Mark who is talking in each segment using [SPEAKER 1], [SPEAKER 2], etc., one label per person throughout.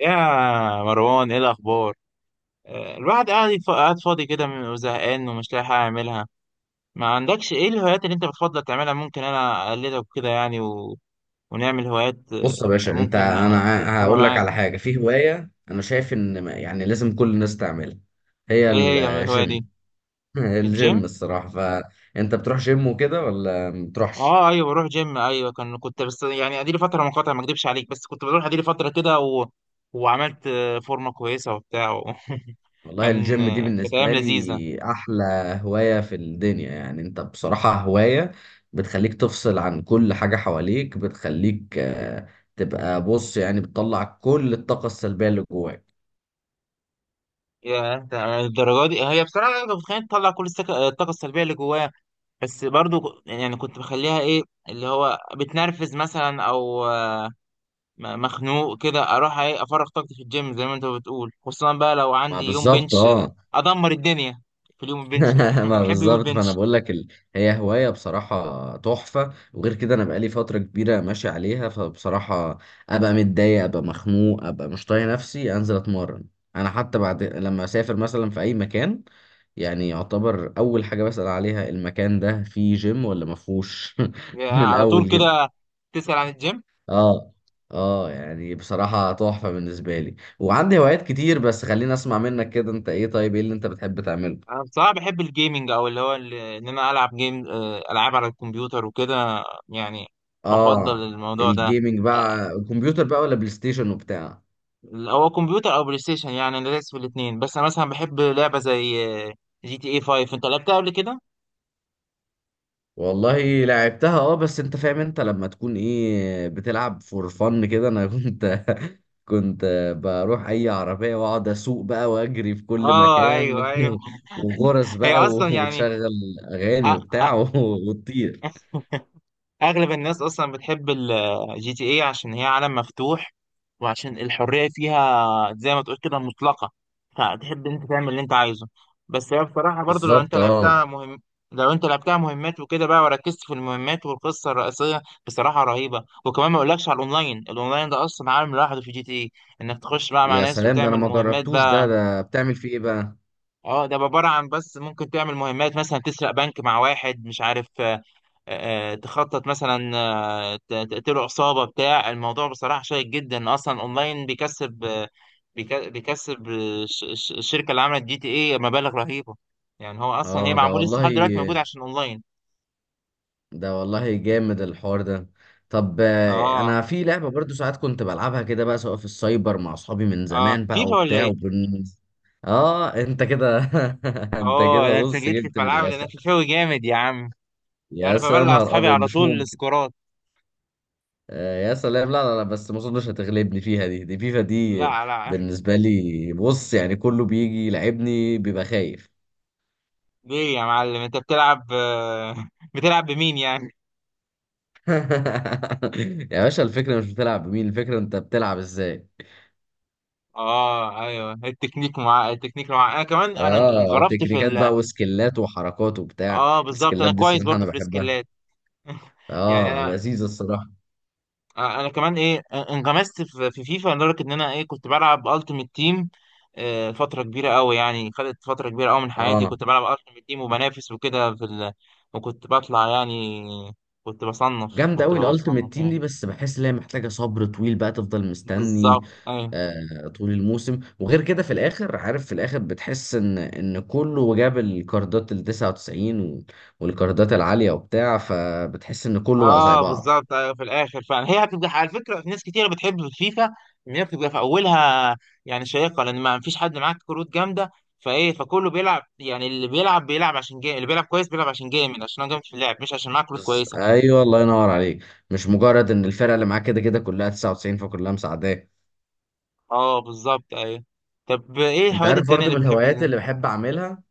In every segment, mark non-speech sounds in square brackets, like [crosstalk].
[SPEAKER 1] يا مروان ايه الاخبار؟ الواحد قاعد قاعد فاضي كده وزهقان ومش لاقي حاجه اعملها. ما عندكش ايه الهوايات اللي انت بتفضل تعملها؟ ممكن انا اقلدك كده يعني ونعمل هوايات،
[SPEAKER 2] بص يا باشا، انت
[SPEAKER 1] ممكن
[SPEAKER 2] انا
[SPEAKER 1] ابقى
[SPEAKER 2] هقول لك
[SPEAKER 1] معاك.
[SPEAKER 2] على حاجه. في هوايه انا شايف ان يعني لازم كل الناس تعملها، هي
[SPEAKER 1] ايه هي الهوايه دي؟
[SPEAKER 2] الجيم. [laughs]
[SPEAKER 1] الجيم؟
[SPEAKER 2] الجيم الصراحه، فانت بتروح جيم وكده ولا ما بتروحش؟
[SPEAKER 1] اه ايوه بروح جيم ايوه كنت بس يعني اديلي فتره منقطعه، ما اكدبش عليك، بس كنت بروح اديلي فتره كده وعملت فورمه كويسه وبتاع [laughs]
[SPEAKER 2] والله الجيم دي
[SPEAKER 1] كانت
[SPEAKER 2] بالنسبه
[SPEAKER 1] ايام لذيذه.
[SPEAKER 2] لي احلى هوايه في الدنيا. يعني انت بصراحه هوايه بتخليك تفصل عن كل حاجه حواليك، بتخليك تبقى، بص يعني، بتطلع كل الطاقه السلبيه اللي جواك.
[SPEAKER 1] يا انت الدرجه دي، هي بصراحه انا كنت متخيل تطلع كل الطاقه السلبيه اللي جواها، بس برضو يعني كنت بخليها ايه، اللي هو بتنرفز مثلا او مخنوق كده اروح ايه افرغ طاقتي في الجيم زي ما انت بتقول، خصوصا بقى لو
[SPEAKER 2] ما
[SPEAKER 1] عندي يوم
[SPEAKER 2] بالظبط،
[SPEAKER 1] بنش،
[SPEAKER 2] اه.
[SPEAKER 1] ادمر الدنيا في اليوم البنش ده
[SPEAKER 2] [laughs] ما
[SPEAKER 1] [laughs] بحب يوم
[SPEAKER 2] بالظبط. فانا
[SPEAKER 1] البنش.
[SPEAKER 2] بقول لك هي هوايه بصراحه تحفه. وغير كده، انا بقالي فتره كبيره ماشي عليها، فبصراحه ابقى متضايق، ابقى مخنوق، ابقى مش طايق نفسي، انزل اتمرن. انا حتى بعد لما اسافر مثلا في اي مكان، يعني يعتبر اول حاجه بسال عليها، المكان ده فيه جيم ولا ما فيهوش. [laughs]
[SPEAKER 1] يا
[SPEAKER 2] من
[SPEAKER 1] على
[SPEAKER 2] الاول
[SPEAKER 1] طول
[SPEAKER 2] جدا.
[SPEAKER 1] كده تسأل عن الجيم.
[SPEAKER 2] اه اه، يعني بصراحه تحفه بالنسبه لي، وعندي هوايات كتير، بس خليني اسمع منك كده. انت ايه؟ طيب ايه اللي انت بتحب تعمله؟
[SPEAKER 1] انا بصراحه بحب الجيمنج او اللي هو ان انا العب جيم، العاب على الكمبيوتر وكده يعني. بفضل
[SPEAKER 2] اه،
[SPEAKER 1] الموضوع ده.
[SPEAKER 2] الجيمنج بقى كمبيوتر بقى ولا بلاي ستيشن وبتاع؟
[SPEAKER 1] هو كمبيوتر او بلاي ستيشن، يعني انا دايس في الاثنين، بس انا مثلا بحب لعبه زي جي تي اي 5. انت لعبتها قبل كده؟
[SPEAKER 2] والله لعبتها اه، بس انت فاهم، انت لما تكون ايه بتلعب فور فن كده، انا [laughs] كنت بروح اي عربية واقعد اسوق بقى واجري في كل
[SPEAKER 1] اه ايوه
[SPEAKER 2] مكان.
[SPEAKER 1] ايوه.
[SPEAKER 2] [laughs] وغرز
[SPEAKER 1] هي
[SPEAKER 2] بقى،
[SPEAKER 1] اصلا يعني.
[SPEAKER 2] وتشغل اغاني
[SPEAKER 1] أ-
[SPEAKER 2] وبتاع. [laughs] وتطير.
[SPEAKER 1] اغلب الناس اصلا بتحب الجي تي اي عشان هي عالم مفتوح، وعشان الحريه فيها زي ما تقول كده مطلقه، فتحب انت تعمل اللي انت عايزه. بس هي بصراحه برضو لو انت
[SPEAKER 2] بالظبط، اه.
[SPEAKER 1] لعبتها مهم، لو انت لعبتها مهمات وكده بقى وركزت في المهمات، والقصه الرئيسيه بصراحه رهيبه. وكمان ما اقولكش على الاونلاين، الاونلاين ده اصلا عالم لوحده في جي تي اي، انك تخش بقى مع
[SPEAKER 2] يا
[SPEAKER 1] ناس
[SPEAKER 2] سلام، ده انا
[SPEAKER 1] وتعمل
[SPEAKER 2] ما
[SPEAKER 1] مهمات
[SPEAKER 2] جربتوش
[SPEAKER 1] بقى.
[SPEAKER 2] ده بتعمل فيه ايه بقى؟
[SPEAKER 1] اه، ده عبارة عن بس ممكن تعمل مهمات مثلا تسرق بنك مع واحد مش عارف، تخطط مثلا، تقتله عصابة بتاع. الموضوع بصراحة شيق جدا. أصلا أونلاين بيكسب بيكسب الشركة اللي عملت جي تي إيه مبالغ رهيبة. يعني هو أصلا هي
[SPEAKER 2] اه، ده
[SPEAKER 1] معمول لسه
[SPEAKER 2] والله،
[SPEAKER 1] لحد دلوقتي موجود عشان أونلاين.
[SPEAKER 2] ده والله جامد الحوار ده. طب
[SPEAKER 1] اه.
[SPEAKER 2] انا في لعبه برضو ساعات كنت بلعبها كده بقى، سواء في السايبر مع اصحابي من
[SPEAKER 1] اه،
[SPEAKER 2] زمان بقى
[SPEAKER 1] فيفا ولا
[SPEAKER 2] وبتاع
[SPEAKER 1] إيه؟
[SPEAKER 2] اه، انت كده. [laughs] انت
[SPEAKER 1] اه،
[SPEAKER 2] كده،
[SPEAKER 1] ده أنت
[SPEAKER 2] بص،
[SPEAKER 1] جيت لي
[SPEAKER 2] جبت
[SPEAKER 1] في
[SPEAKER 2] من
[SPEAKER 1] ملعبي. ده أنا
[SPEAKER 2] الاخر.
[SPEAKER 1] فيفاوي جامد يا عم. أنا
[SPEAKER 2] يا
[SPEAKER 1] ببلع
[SPEAKER 2] نهار
[SPEAKER 1] أصحابي
[SPEAKER 2] ابيض،
[SPEAKER 1] على
[SPEAKER 2] مش
[SPEAKER 1] طول
[SPEAKER 2] ممكن!
[SPEAKER 1] السكورات.
[SPEAKER 2] آه يا سلام. لا لا لا، بس ما اظنش هتغلبني فيها دي فيفا دي
[SPEAKER 1] لا لا.
[SPEAKER 2] بالنسبه لي. بص، يعني كله بيجي يلعبني بيبقى خايف.
[SPEAKER 1] ليه يا معلم انت بتلعب [laughs] بتلعب بمين يعني؟
[SPEAKER 2] [laughs] يا باشا، الفكره مش بتلعب بمين، الفكره انت بتلعب ازاي.
[SPEAKER 1] اه ايوه التكنيك مع التكنيك مع، انا كمان انا
[SPEAKER 2] اه،
[SPEAKER 1] انغرفت في
[SPEAKER 2] تكنيكات
[SPEAKER 1] ال.
[SPEAKER 2] بقى وسكيلات وحركات وبتاع.
[SPEAKER 1] اه بالظبط،
[SPEAKER 2] السكيلات
[SPEAKER 1] انا
[SPEAKER 2] دي
[SPEAKER 1] كويس
[SPEAKER 2] الصراحه
[SPEAKER 1] برضو
[SPEAKER 2] انا
[SPEAKER 1] في
[SPEAKER 2] بحبها.
[SPEAKER 1] السكيلات. [laughs] يعني
[SPEAKER 2] اه،
[SPEAKER 1] انا،
[SPEAKER 2] لذيذه الصراحه.
[SPEAKER 1] كمان ايه انغمست في فيفا لدرجه ان انا ايه كنت بلعب التيمت تيم فتره كبيره قوي. يعني خدت فتره كبيره قوي من حياتي
[SPEAKER 2] اه،
[SPEAKER 1] كنت بلعب التيمت تيم وبنافس وكده في وكنت بطلع يعني،
[SPEAKER 2] جامده
[SPEAKER 1] كنت
[SPEAKER 2] قوي
[SPEAKER 1] ببقى
[SPEAKER 2] الالتيميت
[SPEAKER 1] بصنف
[SPEAKER 2] تيم دي،
[SPEAKER 1] يعني.
[SPEAKER 2] بس بحس ان هي محتاجه صبر طويل بقى، تفضل مستني
[SPEAKER 1] بالظبط ايوه.
[SPEAKER 2] طول الموسم. وغير كده، في الاخر، عارف، في الاخر بتحس ان كله جاب الكاردات ال 99 والكاردات العاليه وبتاع، فبتحس ان كله بقى زي
[SPEAKER 1] اه
[SPEAKER 2] بعض.
[SPEAKER 1] بالظبط ايوه، في الاخر فعلا هي هتبقى، على فكره ناس كتير بتحب في فيفا ان هي بتبقى في اولها، يعني شيقه لان ما فيش حد معاك كروت جامده، فايه فكله بيلعب يعني، اللي بيلعب بيلعب عشان جيم، اللي بيلعب كويس بيلعب عشان جامد، عشان هو جامد في اللعب مش عشان معاه كروت كويسه.
[SPEAKER 2] ايوه، الله ينور عليك. مش مجرد ان الفرقه اللي معاك كده كده كلها 99، فكلها مساعداه.
[SPEAKER 1] اه بالظبط ايوه. طب ايه
[SPEAKER 2] انت
[SPEAKER 1] الهوايات
[SPEAKER 2] عارف
[SPEAKER 1] التانيه
[SPEAKER 2] برضو
[SPEAKER 1] اللي
[SPEAKER 2] من
[SPEAKER 1] بتحب؟
[SPEAKER 2] الهوايات اللي بحب اعملها،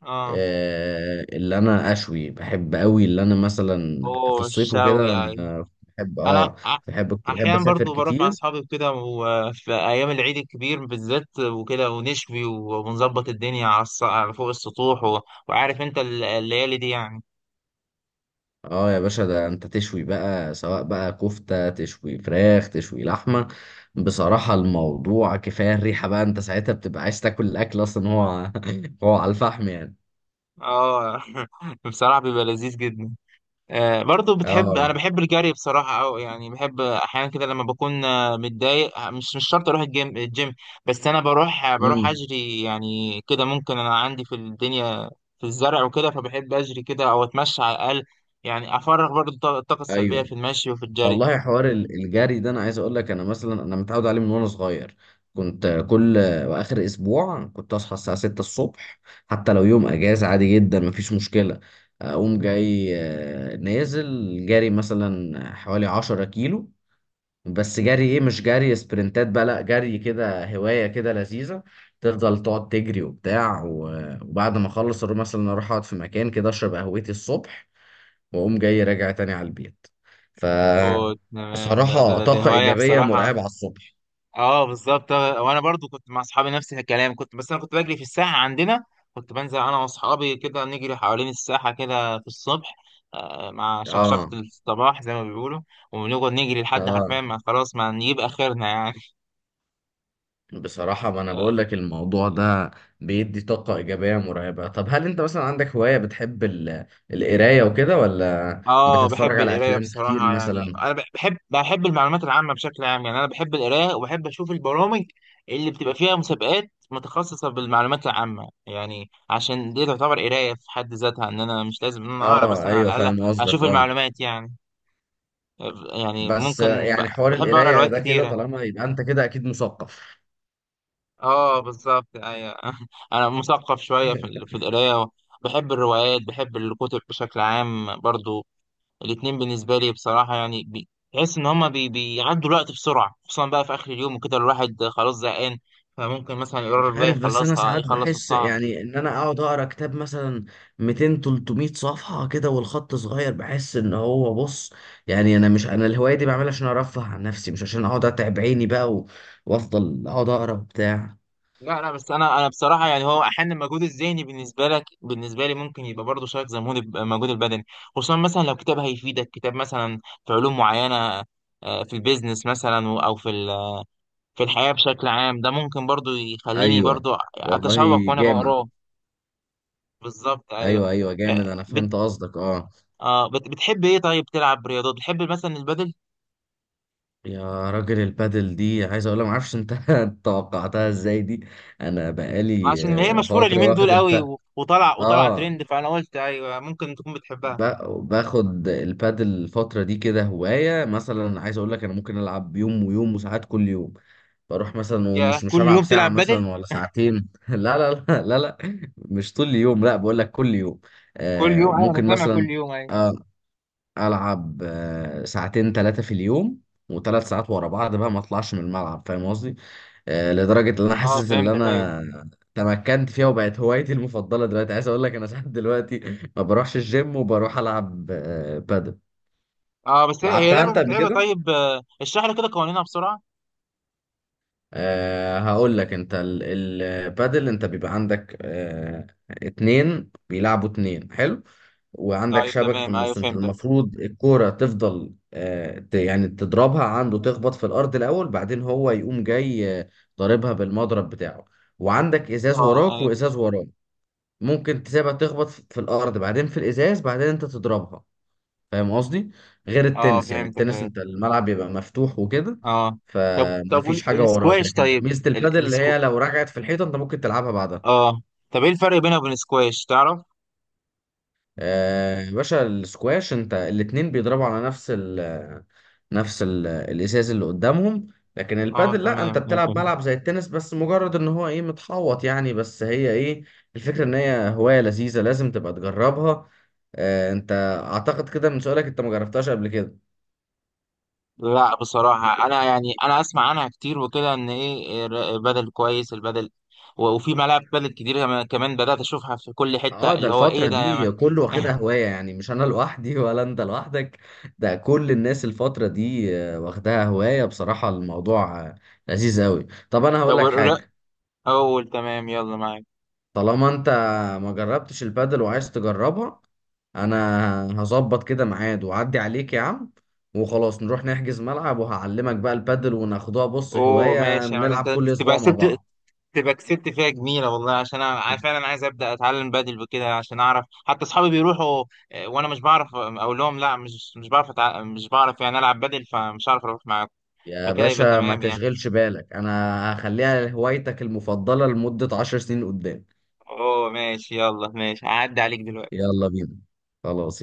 [SPEAKER 1] اه.
[SPEAKER 2] اللي انا اشوي بحب قوي، اللي انا مثلا في
[SPEAKER 1] اوه
[SPEAKER 2] الصيف وكده،
[SPEAKER 1] الشوي ايوه.
[SPEAKER 2] انا بحب اه
[SPEAKER 1] انا ع-
[SPEAKER 2] بحب كنت بحب
[SPEAKER 1] احيانا
[SPEAKER 2] اسافر
[SPEAKER 1] برضو بروح مع
[SPEAKER 2] كتير.
[SPEAKER 1] اصحابي وكده، وفي ايام العيد الكبير بالذات وكده ونشوي ونظبط الدنيا على على فوق السطوح وعارف انت الليالي دي يعني.
[SPEAKER 2] اه، يا باشا، ده انت تشوي بقى، سواء بقى كفتة تشوي، فراخ تشوي، لحمة. بصراحة الموضوع كفاية الريحة بقى، انت ساعتها بتبقى عايز تاكل الاكل اصلا، هو [laughs] هو على الفحم يعني.
[SPEAKER 1] اه. [laughs] بصراحة بيبقى لذيذ جدا. برضو بتحب،
[SPEAKER 2] اه،
[SPEAKER 1] انا بحب الجري بصراحه، او يعني بحب احيانا كده لما بكون متضايق، مش مش شرط اروح الجيم بس انا بروح بروح
[SPEAKER 2] امم،
[SPEAKER 1] اجري يعني كده. ممكن انا عندي في الدنيا، في الزرع وكده، فبحب اجري كده او اتمشى على الاقل، يعني افرغ برضو الطاقه السلبيه في
[SPEAKER 2] ايوه.
[SPEAKER 1] المشي وفي الجري.
[SPEAKER 2] والله حوار الجري ده، انا عايز اقول لك، انا مثلا انا متعود عليه من وانا صغير. كنت كل واخر اسبوع كنت اصحى الساعه 6 الصبح، حتى لو يوم اجازه عادي جدا مفيش مشكله. اقوم جاي نازل جري مثلا حوالي 10 كيلو، بس جري ايه؟ مش جري سبرنتات بقى، لا، جري كده هوايه كده لذيذه. تفضل تقعد تجري وبتاع، وبعد ما اخلص اروح مثلا، اروح اقعد في مكان كده اشرب قهوتي الصبح، واقوم جاي راجع تاني على البيت. ف
[SPEAKER 1] اوه تمام، ده
[SPEAKER 2] بصراحة
[SPEAKER 1] ده
[SPEAKER 2] طاقة
[SPEAKER 1] هوايه
[SPEAKER 2] إيجابية
[SPEAKER 1] بصراحه.
[SPEAKER 2] مرعبة على الصبح.
[SPEAKER 1] اه بالظبط، وانا برضو كنت مع اصحابي نفس الكلام. كنت بس انا كنت بجري في الساحه عندنا، كنت بنزل انا واصحابي كده نجري حوالين الساحه كده في الصبح، مع شخشقه
[SPEAKER 2] اه
[SPEAKER 1] الصباح زي ما بيقولوا، ونقعد نجري لحد حرفيا
[SPEAKER 2] اه،
[SPEAKER 1] ما خلاص ما نجيب اخرنا يعني.
[SPEAKER 2] بصراحة ما أنا بقول
[SPEAKER 1] [laughs]
[SPEAKER 2] لك الموضوع ده بيدي طاقة إيجابية مرعبة. طب هل أنت مثلا عندك هواية بتحب القراية وكده، ولا
[SPEAKER 1] اه
[SPEAKER 2] بتتفرج
[SPEAKER 1] بحب
[SPEAKER 2] على
[SPEAKER 1] القرايه
[SPEAKER 2] أفلام كتير
[SPEAKER 1] بصراحه، يعني
[SPEAKER 2] مثلا؟
[SPEAKER 1] انا بحب المعلومات العامه بشكل عام، يعني انا بحب القرايه وبحب اشوف البرامج اللي بتبقى فيها مسابقات متخصصه بالمعلومات العامه، يعني عشان دي تعتبر قرايه في حد ذاتها، ان انا مش لازم ان انا اقرا
[SPEAKER 2] اه،
[SPEAKER 1] بس انا
[SPEAKER 2] أيوه،
[SPEAKER 1] على الاقل
[SPEAKER 2] فاهم
[SPEAKER 1] اشوف
[SPEAKER 2] قصدك، اه.
[SPEAKER 1] المعلومات يعني. يعني
[SPEAKER 2] بس
[SPEAKER 1] ممكن
[SPEAKER 2] يعني حوار
[SPEAKER 1] بحب اقرا
[SPEAKER 2] القراية
[SPEAKER 1] روايات
[SPEAKER 2] ده كده،
[SPEAKER 1] كتيره.
[SPEAKER 2] طالما يبقى أنت كده أكيد مثقف.
[SPEAKER 1] اه بالظبط ايوه. [laughs] انا مثقف شويه في في القرايه، بحب الروايات بحب الكتب بشكل عام برضو. الاتنين بالنسبة لي بصراحة يعني تحس إن هما بيعدوا الوقت بسرعة، خصوصا بقى في آخر اليوم وكده الواحد خلاص زهقان، فممكن مثلا
[SPEAKER 2] مش
[SPEAKER 1] يقرر بقى
[SPEAKER 2] عارف، بس انا
[SPEAKER 1] يخلصها
[SPEAKER 2] ساعات
[SPEAKER 1] يخلص
[SPEAKER 2] بحس
[SPEAKER 1] الساعة.
[SPEAKER 2] يعني ان انا اقعد اقرا كتاب مثلا 200-300 صفحه كده، والخط صغير، بحس ان هو، بص يعني، انا مش، انا الهوايه دي بعملها عشان ارفه عن نفسي، مش عشان اقعد اتعب عيني بقى وافضل اقعد اقرا بتاع.
[SPEAKER 1] لا لا، بس أنا بصراحة يعني هو أحيانا المجهود الذهني بالنسبة لك، بالنسبة لي ممكن يبقى برضه شايف زي المجهود البدني، خصوصا مثلا لو كتاب هيفيدك، كتاب مثلا في علوم معينة، في البيزنس مثلا أو في في الحياة بشكل عام. ده ممكن برضه يخليني
[SPEAKER 2] ايوه،
[SPEAKER 1] برضه
[SPEAKER 2] والله
[SPEAKER 1] أتشوق وأنا
[SPEAKER 2] جامد.
[SPEAKER 1] بقراه. بالظبط أيوه.
[SPEAKER 2] ايوه ايوه، جامد،
[SPEAKER 1] آه،
[SPEAKER 2] انا فهمت قصدك، اه.
[SPEAKER 1] اه بتحب ايه طيب، تلعب رياضات بتحب مثلا البدل؟
[SPEAKER 2] يا راجل، البادل دي عايز اقول، ما اعرفش انت [laughs] توقعتها ازاي دي. انا بقالي
[SPEAKER 1] عشان هي مشهورة
[SPEAKER 2] فتره
[SPEAKER 1] اليومين دول
[SPEAKER 2] واخد
[SPEAKER 1] قوي
[SPEAKER 2] الب
[SPEAKER 1] وطلع
[SPEAKER 2] اه
[SPEAKER 1] ترند، فانا قلت ايوه ممكن تكون بتحبها.
[SPEAKER 2] ب- باخد البادل الفترة دي كده هواية. مثلا عايز اقول لك، انا ممكن العب يوم ويوم وساعات كل يوم. بروح مثلا
[SPEAKER 1] يا
[SPEAKER 2] ومش مش
[SPEAKER 1] كل
[SPEAKER 2] هلعب
[SPEAKER 1] يوم
[SPEAKER 2] ساعة
[SPEAKER 1] تلعب بدل؟
[SPEAKER 2] مثلا ولا ساعتين. [laughs] لا لا لا لا لا، مش طول اليوم، لا، بقول لك كل يوم.
[SPEAKER 1] كل
[SPEAKER 2] آه،
[SPEAKER 1] يوم ايوه، انا
[SPEAKER 2] ممكن
[SPEAKER 1] سامع
[SPEAKER 2] مثلا
[SPEAKER 1] كل يوم ايوه.
[SPEAKER 2] آه، العب ساعتين ثلاثه في اليوم، وثلاث ساعات ورا بعض بقى، ما اطلعش من الملعب، فاهم قصدي. لدرجه ان انا
[SPEAKER 1] اه
[SPEAKER 2] حاسس ان
[SPEAKER 1] فهمتك ايوه.
[SPEAKER 2] انا تمكنت فيها وبقت هوايتي المفضله دلوقتي. عايز اقول لك، انا ساعات دلوقتي ما بروحش الجيم، وبروح العب بادل.
[SPEAKER 1] اه بس هي هي
[SPEAKER 2] لعبتها
[SPEAKER 1] لعبة
[SPEAKER 2] انت قبل
[SPEAKER 1] متعبة.
[SPEAKER 2] كده؟
[SPEAKER 1] طيب اشرح لي كده قوانينها بسرعة.
[SPEAKER 2] هقول لك، انت البادل، انت بيبقى عندك اتنين بيلعبوا اتنين، حلو. وعندك
[SPEAKER 1] طيب
[SPEAKER 2] شبكة في
[SPEAKER 1] تمام ايوه
[SPEAKER 2] النص، انت
[SPEAKER 1] فهمتك.
[SPEAKER 2] المفروض الكورة تفضل يعني تضربها عنده، تخبط في الأرض الأول، بعدين هو يقوم جاي ضاربها بالمضرب بتاعه. وعندك إزاز
[SPEAKER 1] اه
[SPEAKER 2] وراك
[SPEAKER 1] ايوه.
[SPEAKER 2] وإزاز وراك، ممكن تسيبها تخبط في الأرض، بعدين في الإزاز، بعدين انت تضربها. فاهم قصدي؟ غير
[SPEAKER 1] اه
[SPEAKER 2] التنس، يعني
[SPEAKER 1] فهمتك
[SPEAKER 2] التنس
[SPEAKER 1] ايوه.
[SPEAKER 2] انت الملعب بيبقى مفتوح وكده،
[SPEAKER 1] اه. طب
[SPEAKER 2] فمفيش حاجة وراك،
[SPEAKER 1] السكواش
[SPEAKER 2] لكن
[SPEAKER 1] طيب،
[SPEAKER 2] ميزة البادل اللي
[SPEAKER 1] السكو.
[SPEAKER 2] هي لو رجعت في الحيطة انت ممكن تلعبها بعدها.
[SPEAKER 1] اه، طب ايه الفرق بينها وبين السكواش تعرف؟
[SPEAKER 2] يا باشا، السكواش انت الاتنين بيضربوا على نفس ال نفس ال الازاز اللي قدامهم، لكن
[SPEAKER 1] اه
[SPEAKER 2] البادل لا،
[SPEAKER 1] تمام،
[SPEAKER 2] انت بتلعب
[SPEAKER 1] فهمتك.
[SPEAKER 2] ملعب زي التنس، بس مجرد ان هو ايه، متحوط يعني، بس هي ايه الفكرة، ان هي هواية لذيذة لازم تبقى تجربها. انت اعتقد كده من سؤالك انت ما جربتهاش قبل كده.
[SPEAKER 1] لا بصراحة أنا يعني أنا أسمع عنها كتير وكده، إن إيه بدل كويس البدل، وفي ملاعب بدل كتير كمان، كمان بدأت أشوفها في كل حتة،
[SPEAKER 2] اه، ده
[SPEAKER 1] اللي هو إيه
[SPEAKER 2] الفترة
[SPEAKER 1] ده يا ما.
[SPEAKER 2] دي كله واخدها هواية، يعني مش انا لوحدي [laughs] ولا انت لوحدك، ده كل الناس الفترة دي واخدها هواية. بصراحة الموضوع لذيذ قوي. طب انا هقول
[SPEAKER 1] طب
[SPEAKER 2] لك
[SPEAKER 1] الر-
[SPEAKER 2] حاجة،
[SPEAKER 1] أول تمام يلا معاك.
[SPEAKER 2] طالما انت ما جربتش البادل وعايز تجربها، انا هظبط كده ميعاد واعدي عليك يا عم، وخلاص نروح نحجز ملعب وهعلمك بقى البادل، وناخدوها بص
[SPEAKER 1] أوه
[SPEAKER 2] هواية،
[SPEAKER 1] ماشي يا ما،
[SPEAKER 2] نلعب
[SPEAKER 1] ده أنت
[SPEAKER 2] كل
[SPEAKER 1] تبقى
[SPEAKER 2] اسبوع مع
[SPEAKER 1] كسبت،
[SPEAKER 2] بعض.
[SPEAKER 1] تبقى كسبت فيها جميلة والله، عشان فعلا عايز أبدأ أتعلم بدل وكده، عشان أعرف حتى أصحابي بيروحوا، وأنا مش بعرف أقول لهم لا، مش مش بعرف مش بعرف يعني ألعب بدل فمش عارف أروح معاكم.
[SPEAKER 2] يا
[SPEAKER 1] فكده يبقى
[SPEAKER 2] باشا ما
[SPEAKER 1] تمام يعني.
[SPEAKER 2] تشغلش بالك، انا هخليها هوايتك المفضلة لمدة 10 سنين قدام.
[SPEAKER 1] أوه ماشي يلا ماشي هعدي عليك دلوقتي.
[SPEAKER 2] يلا بينا، خلاص.